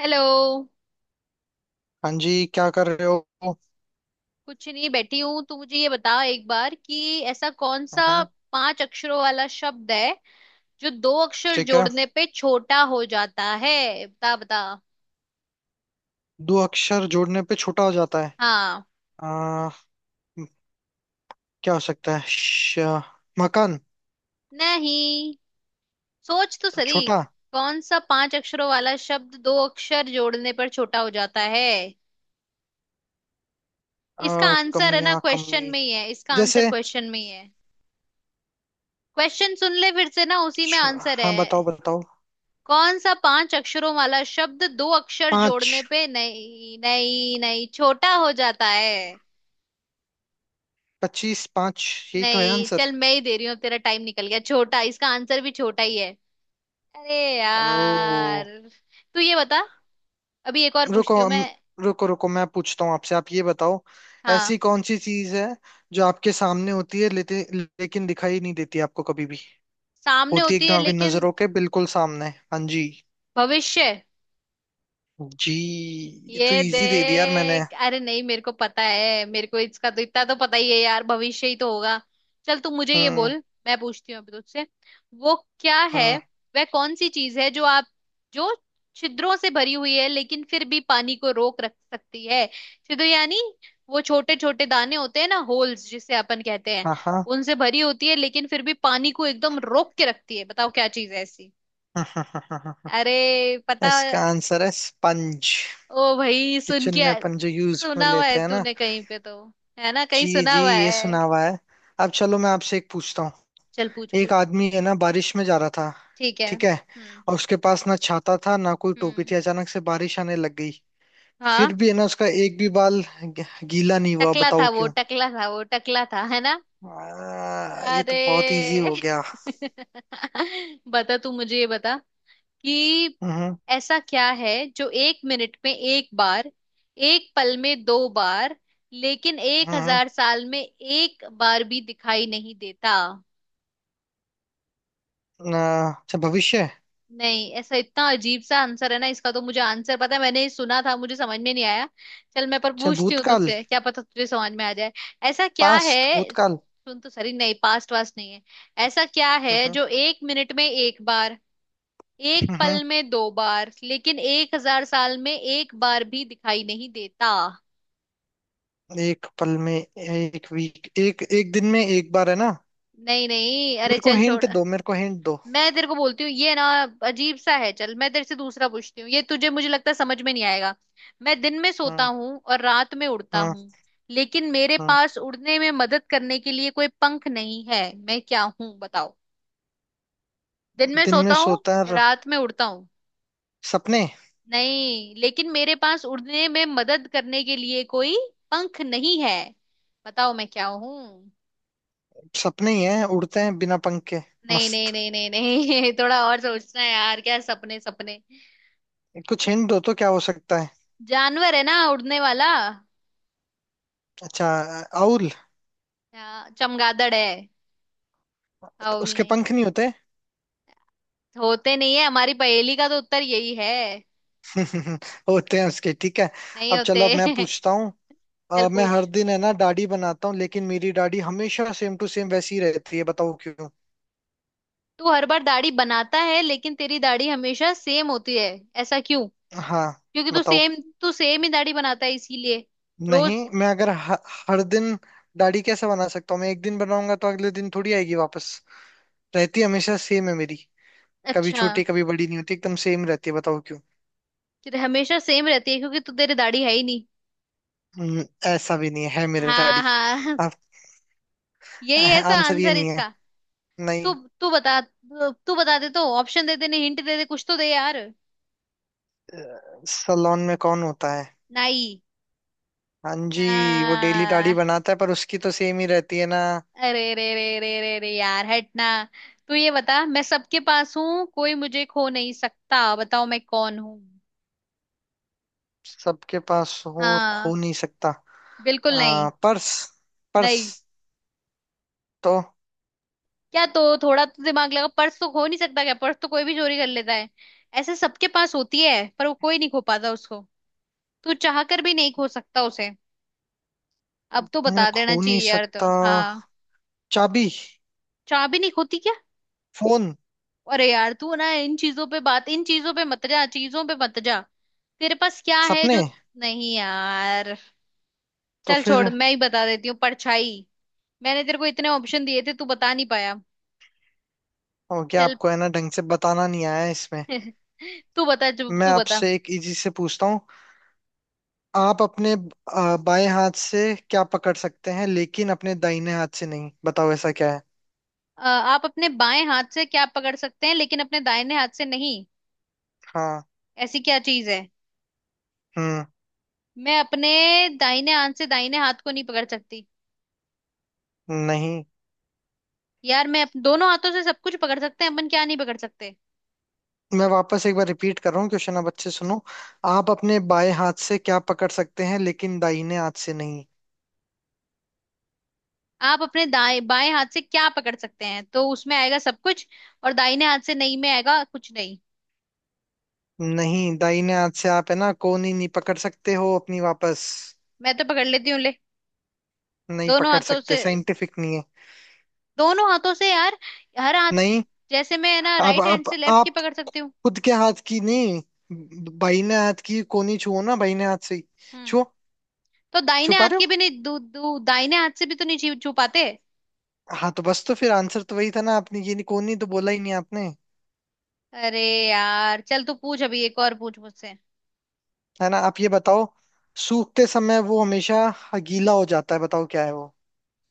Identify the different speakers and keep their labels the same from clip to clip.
Speaker 1: Hello.
Speaker 2: हाँ जी, क्या कर रहे हो।
Speaker 1: कुछ नहीं, बैठी हूं। तू मुझे ये बता एक बार कि ऐसा कौन सा
Speaker 2: हाँ।
Speaker 1: पांच अक्षरों वाला शब्द है जो दो अक्षर
Speaker 2: ठीक है।
Speaker 1: जोड़ने पे छोटा हो जाता है? बता बता।
Speaker 2: दो अक्षर जोड़ने पे छोटा हो जाता है।
Speaker 1: हाँ।
Speaker 2: आ, क्या हो सकता है मकान।
Speaker 1: नहीं, सोच तो
Speaker 2: तो
Speaker 1: सही।
Speaker 2: छोटा।
Speaker 1: कौन सा पांच अक्षरों वाला शब्द दो अक्षर जोड़ने पर छोटा हो जाता है? इसका आंसर है ना,
Speaker 2: कमियां
Speaker 1: क्वेश्चन
Speaker 2: कमी।
Speaker 1: में ही है, इसका आंसर
Speaker 2: जैसे
Speaker 1: क्वेश्चन में ही है। क्वेश्चन सुन ले फिर से ना, उसी में
Speaker 2: छ-
Speaker 1: आंसर
Speaker 2: हाँ, बताओ
Speaker 1: है।
Speaker 2: बताओ।
Speaker 1: कौन सा पांच अक्षरों वाला शब्द दो अक्षर
Speaker 2: पाँच।
Speaker 1: जोड़ने पे, नहीं नहीं नहीं, छोटा हो जाता है?
Speaker 2: 25 पाँच। यही तो है
Speaker 1: नहीं,
Speaker 2: आंसर।
Speaker 1: चल मैं ही दे रही हूँ, तेरा टाइम निकल गया। छोटा, इसका आंसर भी छोटा ही है। अरे
Speaker 2: ओ।
Speaker 1: यार। तू ये बता, अभी एक और
Speaker 2: रुको
Speaker 1: पूछती हूँ मैं।
Speaker 2: रुको रुको, मैं पूछता हूँ आपसे। आप ये बताओ।
Speaker 1: हाँ।
Speaker 2: ऐसी कौन सी चीज है जो आपके सामने होती है लेकिन दिखाई नहीं देती आपको कभी भी।
Speaker 1: सामने
Speaker 2: होती है
Speaker 1: होती
Speaker 2: एकदम
Speaker 1: है
Speaker 2: आपकी
Speaker 1: लेकिन।
Speaker 2: नजरों के बिल्कुल सामने। हाँ जी।
Speaker 1: भविष्य।
Speaker 2: जी। ये तो
Speaker 1: ये
Speaker 2: इजी दे दिया यार मैंने।
Speaker 1: देख, अरे नहीं, मेरे को पता है, मेरे को इसका तो इतना तो पता ही है यार, भविष्य ही तो होगा। चल तू मुझे ये
Speaker 2: हम्म।
Speaker 1: बोल, मैं पूछती हूँ अभी तुझसे। वो क्या है?
Speaker 2: हम्म।
Speaker 1: वह कौन सी चीज है जो आप, जो छिद्रों से भरी हुई है लेकिन फिर भी पानी को रोक रख सकती है? छिद्र यानी वो छोटे छोटे दाने होते हैं ना, होल्स जिसे अपन कहते हैं,
Speaker 2: हाँ हाँ।
Speaker 1: उनसे भरी होती है लेकिन फिर भी पानी को एकदम रोक के रखती है, बताओ क्या चीज है ऐसी। अरे पता।
Speaker 2: इसका आंसर है स्पंज।
Speaker 1: ओ भाई,
Speaker 2: किचन में अपन जो यूज में
Speaker 1: सुना हुआ है
Speaker 2: लेते हैं ना।
Speaker 1: तूने कहीं पे तो, है ना कहीं
Speaker 2: जी
Speaker 1: सुना
Speaker 2: जी,
Speaker 1: हुआ
Speaker 2: ये सुना
Speaker 1: है।
Speaker 2: हुआ है। अब चलो, मैं आपसे एक पूछता हूँ।
Speaker 1: चल पूछ
Speaker 2: एक
Speaker 1: पूछ।
Speaker 2: आदमी है ना, बारिश में जा रहा था।
Speaker 1: ठीक है।
Speaker 2: ठीक है। और उसके पास ना छाता था ना कोई टोपी थी,
Speaker 1: हम्म।
Speaker 2: अचानक से बारिश आने लग गई।
Speaker 1: हाँ।
Speaker 2: फिर भी है ना, उसका एक भी बाल गीला नहीं हुआ।
Speaker 1: टकला था
Speaker 2: बताओ
Speaker 1: वो,
Speaker 2: क्यों।
Speaker 1: टकला था वो, टकला था, है ना।
Speaker 2: ये तो बहुत इजी
Speaker 1: अरे।
Speaker 2: हो गया।
Speaker 1: बता, तू मुझे ये बता कि
Speaker 2: हम्म।
Speaker 1: ऐसा क्या है जो 1 मिनट में एक बार, एक पल में दो बार, लेकिन एक
Speaker 2: आ,
Speaker 1: हजार साल में एक बार भी दिखाई नहीं देता?
Speaker 2: अच्छा, भविष्य।
Speaker 1: नहीं, ऐसा इतना अजीब सा आंसर है ना इसका, तो मुझे आंसर पता है, मैंने ये सुना था, मुझे समझ में नहीं आया। चल मैं पर
Speaker 2: अच्छा,
Speaker 1: पूछती हूँ
Speaker 2: भूतकाल।
Speaker 1: तुझसे, क्या पता तुझे समझ में आ जाए। ऐसा क्या
Speaker 2: पास्ट,
Speaker 1: है
Speaker 2: भूतकाल।
Speaker 1: सुन तो सही, नहीं पास्ट वास्ट नहीं है। ऐसा क्या है
Speaker 2: हम्म।
Speaker 1: जो एक मिनट में एक बार, एक
Speaker 2: हम्म।
Speaker 1: पल में दो बार, लेकिन एक हजार साल में एक बार भी दिखाई नहीं देता?
Speaker 2: एक पल में एक वीक, एक एक दिन में एक बार है ना।
Speaker 1: नहीं नहीं, अरे
Speaker 2: मेरे को
Speaker 1: चल छोड़।
Speaker 2: हिंट दो, मेरे को हिंट दो।
Speaker 1: मैं तेरे को बोलती हूँ ये ना, अजीब सा है। चल मैं तेरे से दूसरा पूछती हूँ, ये तुझे मुझे लगता है समझ में नहीं आएगा। मैं दिन में सोता
Speaker 2: हम्म
Speaker 1: हूँ और रात में उड़ता
Speaker 2: हम्म।
Speaker 1: हूँ, लेकिन मेरे
Speaker 2: हम्म।
Speaker 1: पास उड़ने में मदद करने के लिए कोई पंख नहीं है, मैं क्या हूँ, बताओ। दिन में
Speaker 2: दिन में
Speaker 1: सोता हूँ,
Speaker 2: सोता
Speaker 1: रात में उड़ता हूँ।
Speaker 2: सपने।
Speaker 1: नहीं, लेकिन मेरे पास उड़ने में मदद करने के लिए कोई पंख नहीं है, बताओ मैं क्या हूँ।
Speaker 2: सपने ही हैं, उड़ते हैं बिना पंख के।
Speaker 1: नहीं नहीं
Speaker 2: मस्त।
Speaker 1: नहीं नहीं नहीं। थोड़ा और सोचना है यार, क्या सपने सपने?
Speaker 2: कुछ हिंट दो तो क्या हो सकता है।
Speaker 1: जानवर है ना, उड़ने वाला।
Speaker 2: अच्छा। आउल।
Speaker 1: चमगादड़ है। राहुल
Speaker 2: उसके
Speaker 1: ने,
Speaker 2: पंख नहीं होते।
Speaker 1: तो होते नहीं है, हमारी पहेली का तो उत्तर यही है।
Speaker 2: होते हैं उसके, ठीक है।
Speaker 1: नहीं
Speaker 2: अब
Speaker 1: होते।
Speaker 2: चलो, अब मैं पूछता हूँ।
Speaker 1: चल
Speaker 2: मैं
Speaker 1: पूछ।
Speaker 2: हर दिन है ना दाढ़ी बनाता हूँ, लेकिन मेरी दाढ़ी हमेशा सेम टू सेम वैसी ही रहती है। बताओ क्यों।
Speaker 1: तू हर बार दाढ़ी बनाता है लेकिन तेरी दाढ़ी हमेशा सेम होती है, ऐसा क्यों?
Speaker 2: हाँ।
Speaker 1: क्योंकि तू
Speaker 2: बताओ।
Speaker 1: सेम, तू सेम ही दाढ़ी बनाता है इसीलिए,
Speaker 2: नहीं,
Speaker 1: रोज।
Speaker 2: मैं अगर हर दिन दाढ़ी कैसे बना सकता हूँ। मैं एक दिन बनाऊंगा तो अगले दिन थोड़ी आएगी वापस। रहती हमेशा सेम है मेरी। कभी
Speaker 1: अच्छा।
Speaker 2: छोटी कभी बड़ी नहीं होती, एकदम सेम रहती है। बताओ क्यों।
Speaker 1: तेरे हमेशा सेम रहती है क्योंकि तू, तेरी दाढ़ी है ही नहीं।
Speaker 2: ऐसा भी नहीं है, है मेरी
Speaker 1: हाँ
Speaker 2: दाढ़ी।
Speaker 1: हाँ।
Speaker 2: आप।
Speaker 1: यही है तो
Speaker 2: आंसर ये
Speaker 1: आंसर
Speaker 2: नहीं है।
Speaker 1: इसका। तू
Speaker 2: नहीं।
Speaker 1: तू बता, तू बता दे तो, ऑप्शन दे दे, नहीं हिंट दे दे, कुछ तो दे यार।
Speaker 2: सलोन में कौन होता है।
Speaker 1: नाई।
Speaker 2: हाँ जी, वो डेली दाढ़ी
Speaker 1: हाँ।
Speaker 2: बनाता है पर उसकी तो सेम ही रहती है ना।
Speaker 1: अरे रे रे रे रे रे यार, हटना। तू ये बता, मैं सबके पास हूँ, कोई मुझे खो नहीं सकता, बताओ मैं कौन हूँ।
Speaker 2: सबके पास हो और
Speaker 1: हाँ,
Speaker 2: खो नहीं सकता।
Speaker 1: बिल्कुल नहीं।
Speaker 2: पर्स। पर्स।
Speaker 1: नहीं,
Speaker 2: तो।
Speaker 1: क्या तो, थोड़ा तो दिमाग लगा, पर्स तो खो नहीं सकता क्या? पर्स तो कोई भी चोरी कर लेता है। ऐसे सबके पास होती है पर वो कोई नहीं खो पाता उसको। तू चाह कर भी नहीं खो सकता उसे। अब तो
Speaker 2: मैं
Speaker 1: बता देना
Speaker 2: खो नहीं
Speaker 1: चाहिए यार, तो
Speaker 2: सकता।
Speaker 1: हाँ।
Speaker 2: चाबी।
Speaker 1: चाह भी नहीं खोती क्या?
Speaker 2: फोन।
Speaker 1: अरे यार तू ना इन चीजों पे बात, इन चीजों पे मत जा, चीजों पे मत जा। तेरे पास क्या है
Speaker 2: सपने।
Speaker 1: जो? नहीं यार।
Speaker 2: तो
Speaker 1: चल
Speaker 2: फिर।
Speaker 1: छोड़, मैं ही बता देती हूँ, परछाई। मैंने तेरे को इतने ऑप्शन दिए थे, तू बता नहीं पाया।
Speaker 2: हो गया
Speaker 1: चल।
Speaker 2: आपको है ना, ढंग से बताना नहीं आया इसमें।
Speaker 1: तू बता जो,
Speaker 2: मैं
Speaker 1: तू बता।
Speaker 2: आपसे एक इजी से पूछता हूँ। आप अपने बाएं हाथ से क्या पकड़ सकते हैं लेकिन अपने दाहिने हाथ से नहीं। बताओ ऐसा क्या है।
Speaker 1: आप अपने बाएं हाथ से क्या पकड़ सकते हैं लेकिन अपने दाहिने हाथ से नहीं?
Speaker 2: हाँ।
Speaker 1: ऐसी क्या चीज है?
Speaker 2: हम्म।
Speaker 1: मैं अपने दाहिने हाथ से दाहिने हाथ को नहीं पकड़ सकती।
Speaker 2: नहीं।
Speaker 1: यार, दोनों हाथों से सब कुछ पकड़ सकते हैं अपन, क्या नहीं पकड़ सकते?
Speaker 2: मैं वापस एक बार रिपीट कर रहा हूँ क्वेश्चन, आप अच्छे सुनो। आप अपने बाएं हाथ से क्या पकड़ सकते हैं लेकिन दाहिने हाथ से नहीं।
Speaker 1: आप अपने दाएं बाएं हाथ से क्या पकड़ सकते हैं तो उसमें आएगा सब कुछ, और दाहिने हाथ से नहीं में आएगा कुछ नहीं।
Speaker 2: नहीं, दाहिने हाथ से आप है ना कोहनी नहीं पकड़ सकते हो अपनी। वापस
Speaker 1: मैं तो पकड़ लेती हूँ ले,
Speaker 2: नहीं
Speaker 1: दोनों
Speaker 2: पकड़
Speaker 1: हाथों
Speaker 2: सकते,
Speaker 1: से,
Speaker 2: साइंटिफिक नहीं है।
Speaker 1: दोनों हाथों से यार, हर हाथ।
Speaker 2: नहीं।
Speaker 1: जैसे मैं है ना
Speaker 2: अब
Speaker 1: राइट हैंड
Speaker 2: आप
Speaker 1: से लेफ्ट की
Speaker 2: आप
Speaker 1: पकड़ सकती हूँ।
Speaker 2: खुद के हाथ की नहीं। बाहिने हाथ की कोहनी छुओ ना, बाहिने हाथ से ही।
Speaker 1: हम्म।
Speaker 2: छुओ।
Speaker 1: तो दाहिने
Speaker 2: छुपा
Speaker 1: हाथ
Speaker 2: रहे
Speaker 1: की
Speaker 2: हो।
Speaker 1: भी नहीं, दू, दू, दाहिने हाथ से भी तो नहीं छू छू पाते।
Speaker 2: हाँ तो बस, तो फिर आंसर तो वही था ना, आपने ये नहीं, कोहनी तो बोला ही नहीं आपने।
Speaker 1: अरे यार, चल तू पूछ, अभी एक और पूछ मुझसे।
Speaker 2: है ना, आप ये बताओ। सूखते समय वो हमेशा गीला हो जाता है, बताओ क्या है वो।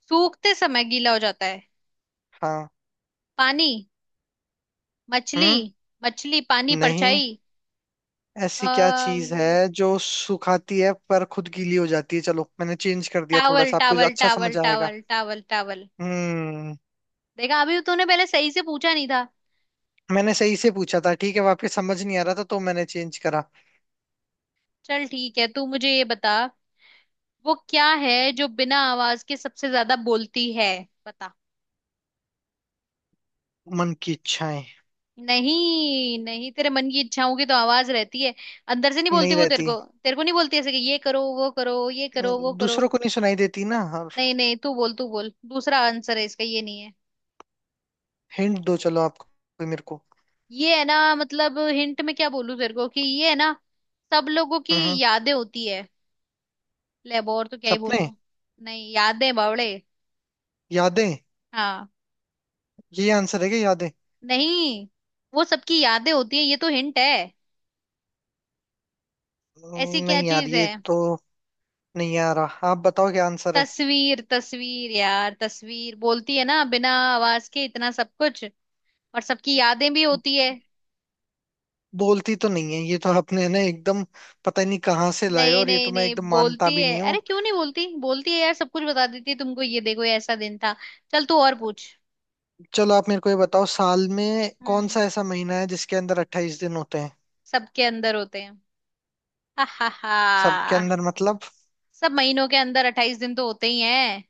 Speaker 1: सूखते समय गीला हो जाता है?
Speaker 2: हाँ।
Speaker 1: पानी।
Speaker 2: हम्म।
Speaker 1: मछली। मछली, पानी,
Speaker 2: नहीं।
Speaker 1: परछाई।
Speaker 2: ऐसी क्या चीज
Speaker 1: अम्म
Speaker 2: है जो सुखाती है पर खुद गीली हो जाती है। चलो मैंने चेंज कर दिया थोड़ा
Speaker 1: टावल
Speaker 2: सा, आपको जो
Speaker 1: टावल
Speaker 2: अच्छा
Speaker 1: टावल
Speaker 2: समझ आएगा।
Speaker 1: Towel towel towel.
Speaker 2: हम्म।
Speaker 1: देखा, अभी तो तूने पहले सही से पूछा नहीं था।
Speaker 2: मैंने सही से पूछा था, ठीक है वापस समझ नहीं आ रहा था तो मैंने चेंज करा।
Speaker 1: चल ठीक है, तू मुझे ये बता, वो क्या है जो बिना आवाज के सबसे ज्यादा बोलती है, बता।
Speaker 2: मन की इच्छाएं।
Speaker 1: नहीं नहीं, तेरे मन की इच्छा होगी तो आवाज रहती है, अंदर से नहीं बोलती
Speaker 2: नहीं
Speaker 1: वो तेरे
Speaker 2: रहती।
Speaker 1: को। तेरे को नहीं बोलती ऐसे कि ये करो वो करो ये करो वो करो।
Speaker 2: दूसरों को नहीं सुनाई देती ना। और
Speaker 1: नहीं नहीं, तू बोल, तू बोल, दूसरा आंसर है इसका, ये नहीं है।
Speaker 2: हिंट दो चलो, आप कोई मेरे को।
Speaker 1: ये है ना, मतलब हिंट में क्या बोलूं तेरे को कि ये है ना, सब लोगों की
Speaker 2: हम्म।
Speaker 1: यादें होती है। ले, और तो क्या ही
Speaker 2: सपने।
Speaker 1: बोलूं। नहीं, यादें बावड़े।
Speaker 2: यादें।
Speaker 1: हाँ।
Speaker 2: ये आंसर है क्या, यादें।
Speaker 1: नहीं, वो सबकी यादें होती है, ये तो हिंट है। ऐसी क्या
Speaker 2: नहीं यार
Speaker 1: चीज है?
Speaker 2: ये तो नहीं आ रहा, आप बताओ क्या आंसर है।
Speaker 1: तस्वीर, तस्वीर यार, तस्वीर बोलती है ना बिना आवाज के इतना सब कुछ, और सबकी यादें भी होती है।
Speaker 2: बोलती तो नहीं है, ये तो आपने ना एकदम पता नहीं कहाँ से लाए,
Speaker 1: नहीं
Speaker 2: और ये
Speaker 1: नहीं
Speaker 2: तो मैं
Speaker 1: नहीं,
Speaker 2: एकदम मानता
Speaker 1: बोलती
Speaker 2: भी
Speaker 1: है,
Speaker 2: नहीं हूँ।
Speaker 1: अरे क्यों नहीं बोलती, बोलती है यार, सब कुछ बता देती है तुमको, ये देखो ये ऐसा दिन था। चल तू और पूछ।
Speaker 2: चलो आप मेरे को ये बताओ, साल में कौन
Speaker 1: हम्म।
Speaker 2: सा ऐसा महीना है जिसके अंदर 28 दिन होते हैं।
Speaker 1: सबके अंदर होते हैं। हा हा
Speaker 2: सबके
Speaker 1: हा।
Speaker 2: अंदर मतलब।
Speaker 1: सब महीनों के अंदर 28 दिन तो होते ही हैं।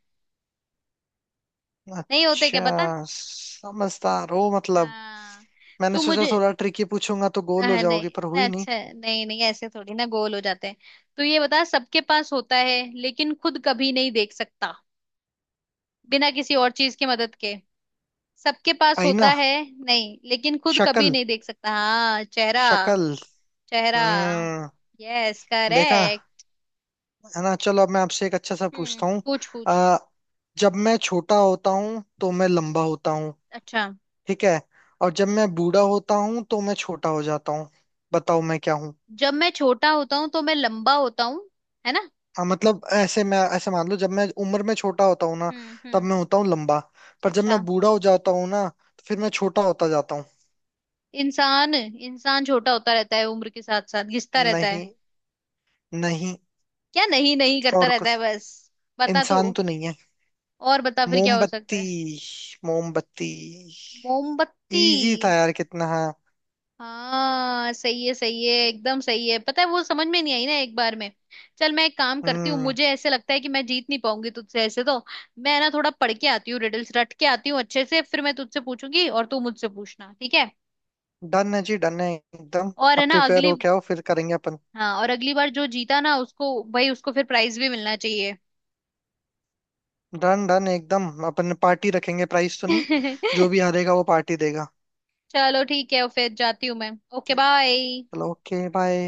Speaker 1: नहीं होते क्या, पता।
Speaker 2: अच्छा। समझदार हो मतलब।
Speaker 1: हाँ।
Speaker 2: मैंने
Speaker 1: तू
Speaker 2: सोचा
Speaker 1: मुझे।
Speaker 2: थोड़ा ट्रिकी पूछूंगा तो गोल हो
Speaker 1: हाँ
Speaker 2: जाओगी,
Speaker 1: नहीं
Speaker 2: पर
Speaker 1: ना,
Speaker 2: हुई नहीं।
Speaker 1: अच्छा, नहीं नहीं, ऐसे थोड़ी ना गोल हो जाते हैं। तो ये बता, सबके पास होता है लेकिन खुद कभी नहीं देख सकता बिना किसी और चीज की मदद के, सबके पास होता
Speaker 2: आईना।
Speaker 1: है। नहीं, लेकिन खुद कभी
Speaker 2: शक्ल।
Speaker 1: नहीं देख सकता। हाँ, चेहरा।
Speaker 2: शक्ल।
Speaker 1: चेहरा।
Speaker 2: हम्म।
Speaker 1: यस
Speaker 2: देखा।
Speaker 1: करेक्ट।
Speaker 2: है ना, चलो अब मैं आपसे एक अच्छा सा
Speaker 1: हम्म,
Speaker 2: पूछता हूँ।
Speaker 1: पूछ पूछ।
Speaker 2: अ, जब मैं छोटा होता हूँ तो मैं लंबा होता हूँ।
Speaker 1: अच्छा।
Speaker 2: ठीक है। और जब मैं बूढ़ा होता हूँ तो मैं छोटा हो जाता हूँ। बताओ मैं क्या हूँ।
Speaker 1: जब मैं छोटा होता हूँ तो मैं लंबा होता हूँ, है ना।
Speaker 2: हाँ मतलब ऐसे, मैं ऐसे मान लो जब मैं उम्र में छोटा होता हूँ ना। तब
Speaker 1: हम्म।
Speaker 2: मैं होता हूँ लंबा। पर जब मैं
Speaker 1: अच्छा।
Speaker 2: बूढ़ा हो जाता हूँ ना, तो फिर मैं छोटा होता जाता हूँ।
Speaker 1: इंसान, इंसान छोटा होता रहता है उम्र के साथ साथ, घिसता रहता है।
Speaker 2: नहीं। नहीं।
Speaker 1: क्या नहीं, नहीं करता
Speaker 2: और
Speaker 1: रहता
Speaker 2: कुछ।
Speaker 1: है बस। बता तू।
Speaker 2: इंसान तो नहीं है।
Speaker 1: और बता, फिर क्या हो सकता
Speaker 2: मोमबत्ती।
Speaker 1: है?
Speaker 2: मोमबत्ती।
Speaker 1: मोमबत्ती।
Speaker 2: इजी था यार, कितना है।
Speaker 1: हाँ सही है, सही है, एकदम सही है, पता है वो समझ में नहीं आई ना एक बार में। चल मैं एक काम करती हूँ,
Speaker 2: हम्म।
Speaker 1: मुझे ऐसे लगता है कि मैं जीत नहीं पाऊंगी तुझसे ऐसे तो। मैं ना थोड़ा पढ़ के आती हूँ, रिडल्स रट के आती हूँ अच्छे से, फिर मैं तुझसे पूछूंगी और तू मुझसे पूछना, ठीक है।
Speaker 2: डन है जी, डन है एकदम।
Speaker 1: और है
Speaker 2: आप
Speaker 1: ना
Speaker 2: प्रिपेयर
Speaker 1: अगली।
Speaker 2: हो क्या, हो फिर करेंगे अपन।
Speaker 1: हाँ, और अगली बार जो जीता ना उसको, भाई, उसको फिर प्राइज भी मिलना चाहिए।
Speaker 2: डन डन एकदम, अपन पार्टी रखेंगे, प्राइस तो नहीं। जो भी हारेगा वो पार्टी देगा।
Speaker 1: चलो ठीक है, फिर जाती हूँ मैं। ओके
Speaker 2: चलो।
Speaker 1: बाय।
Speaker 2: चलो ओके बाय।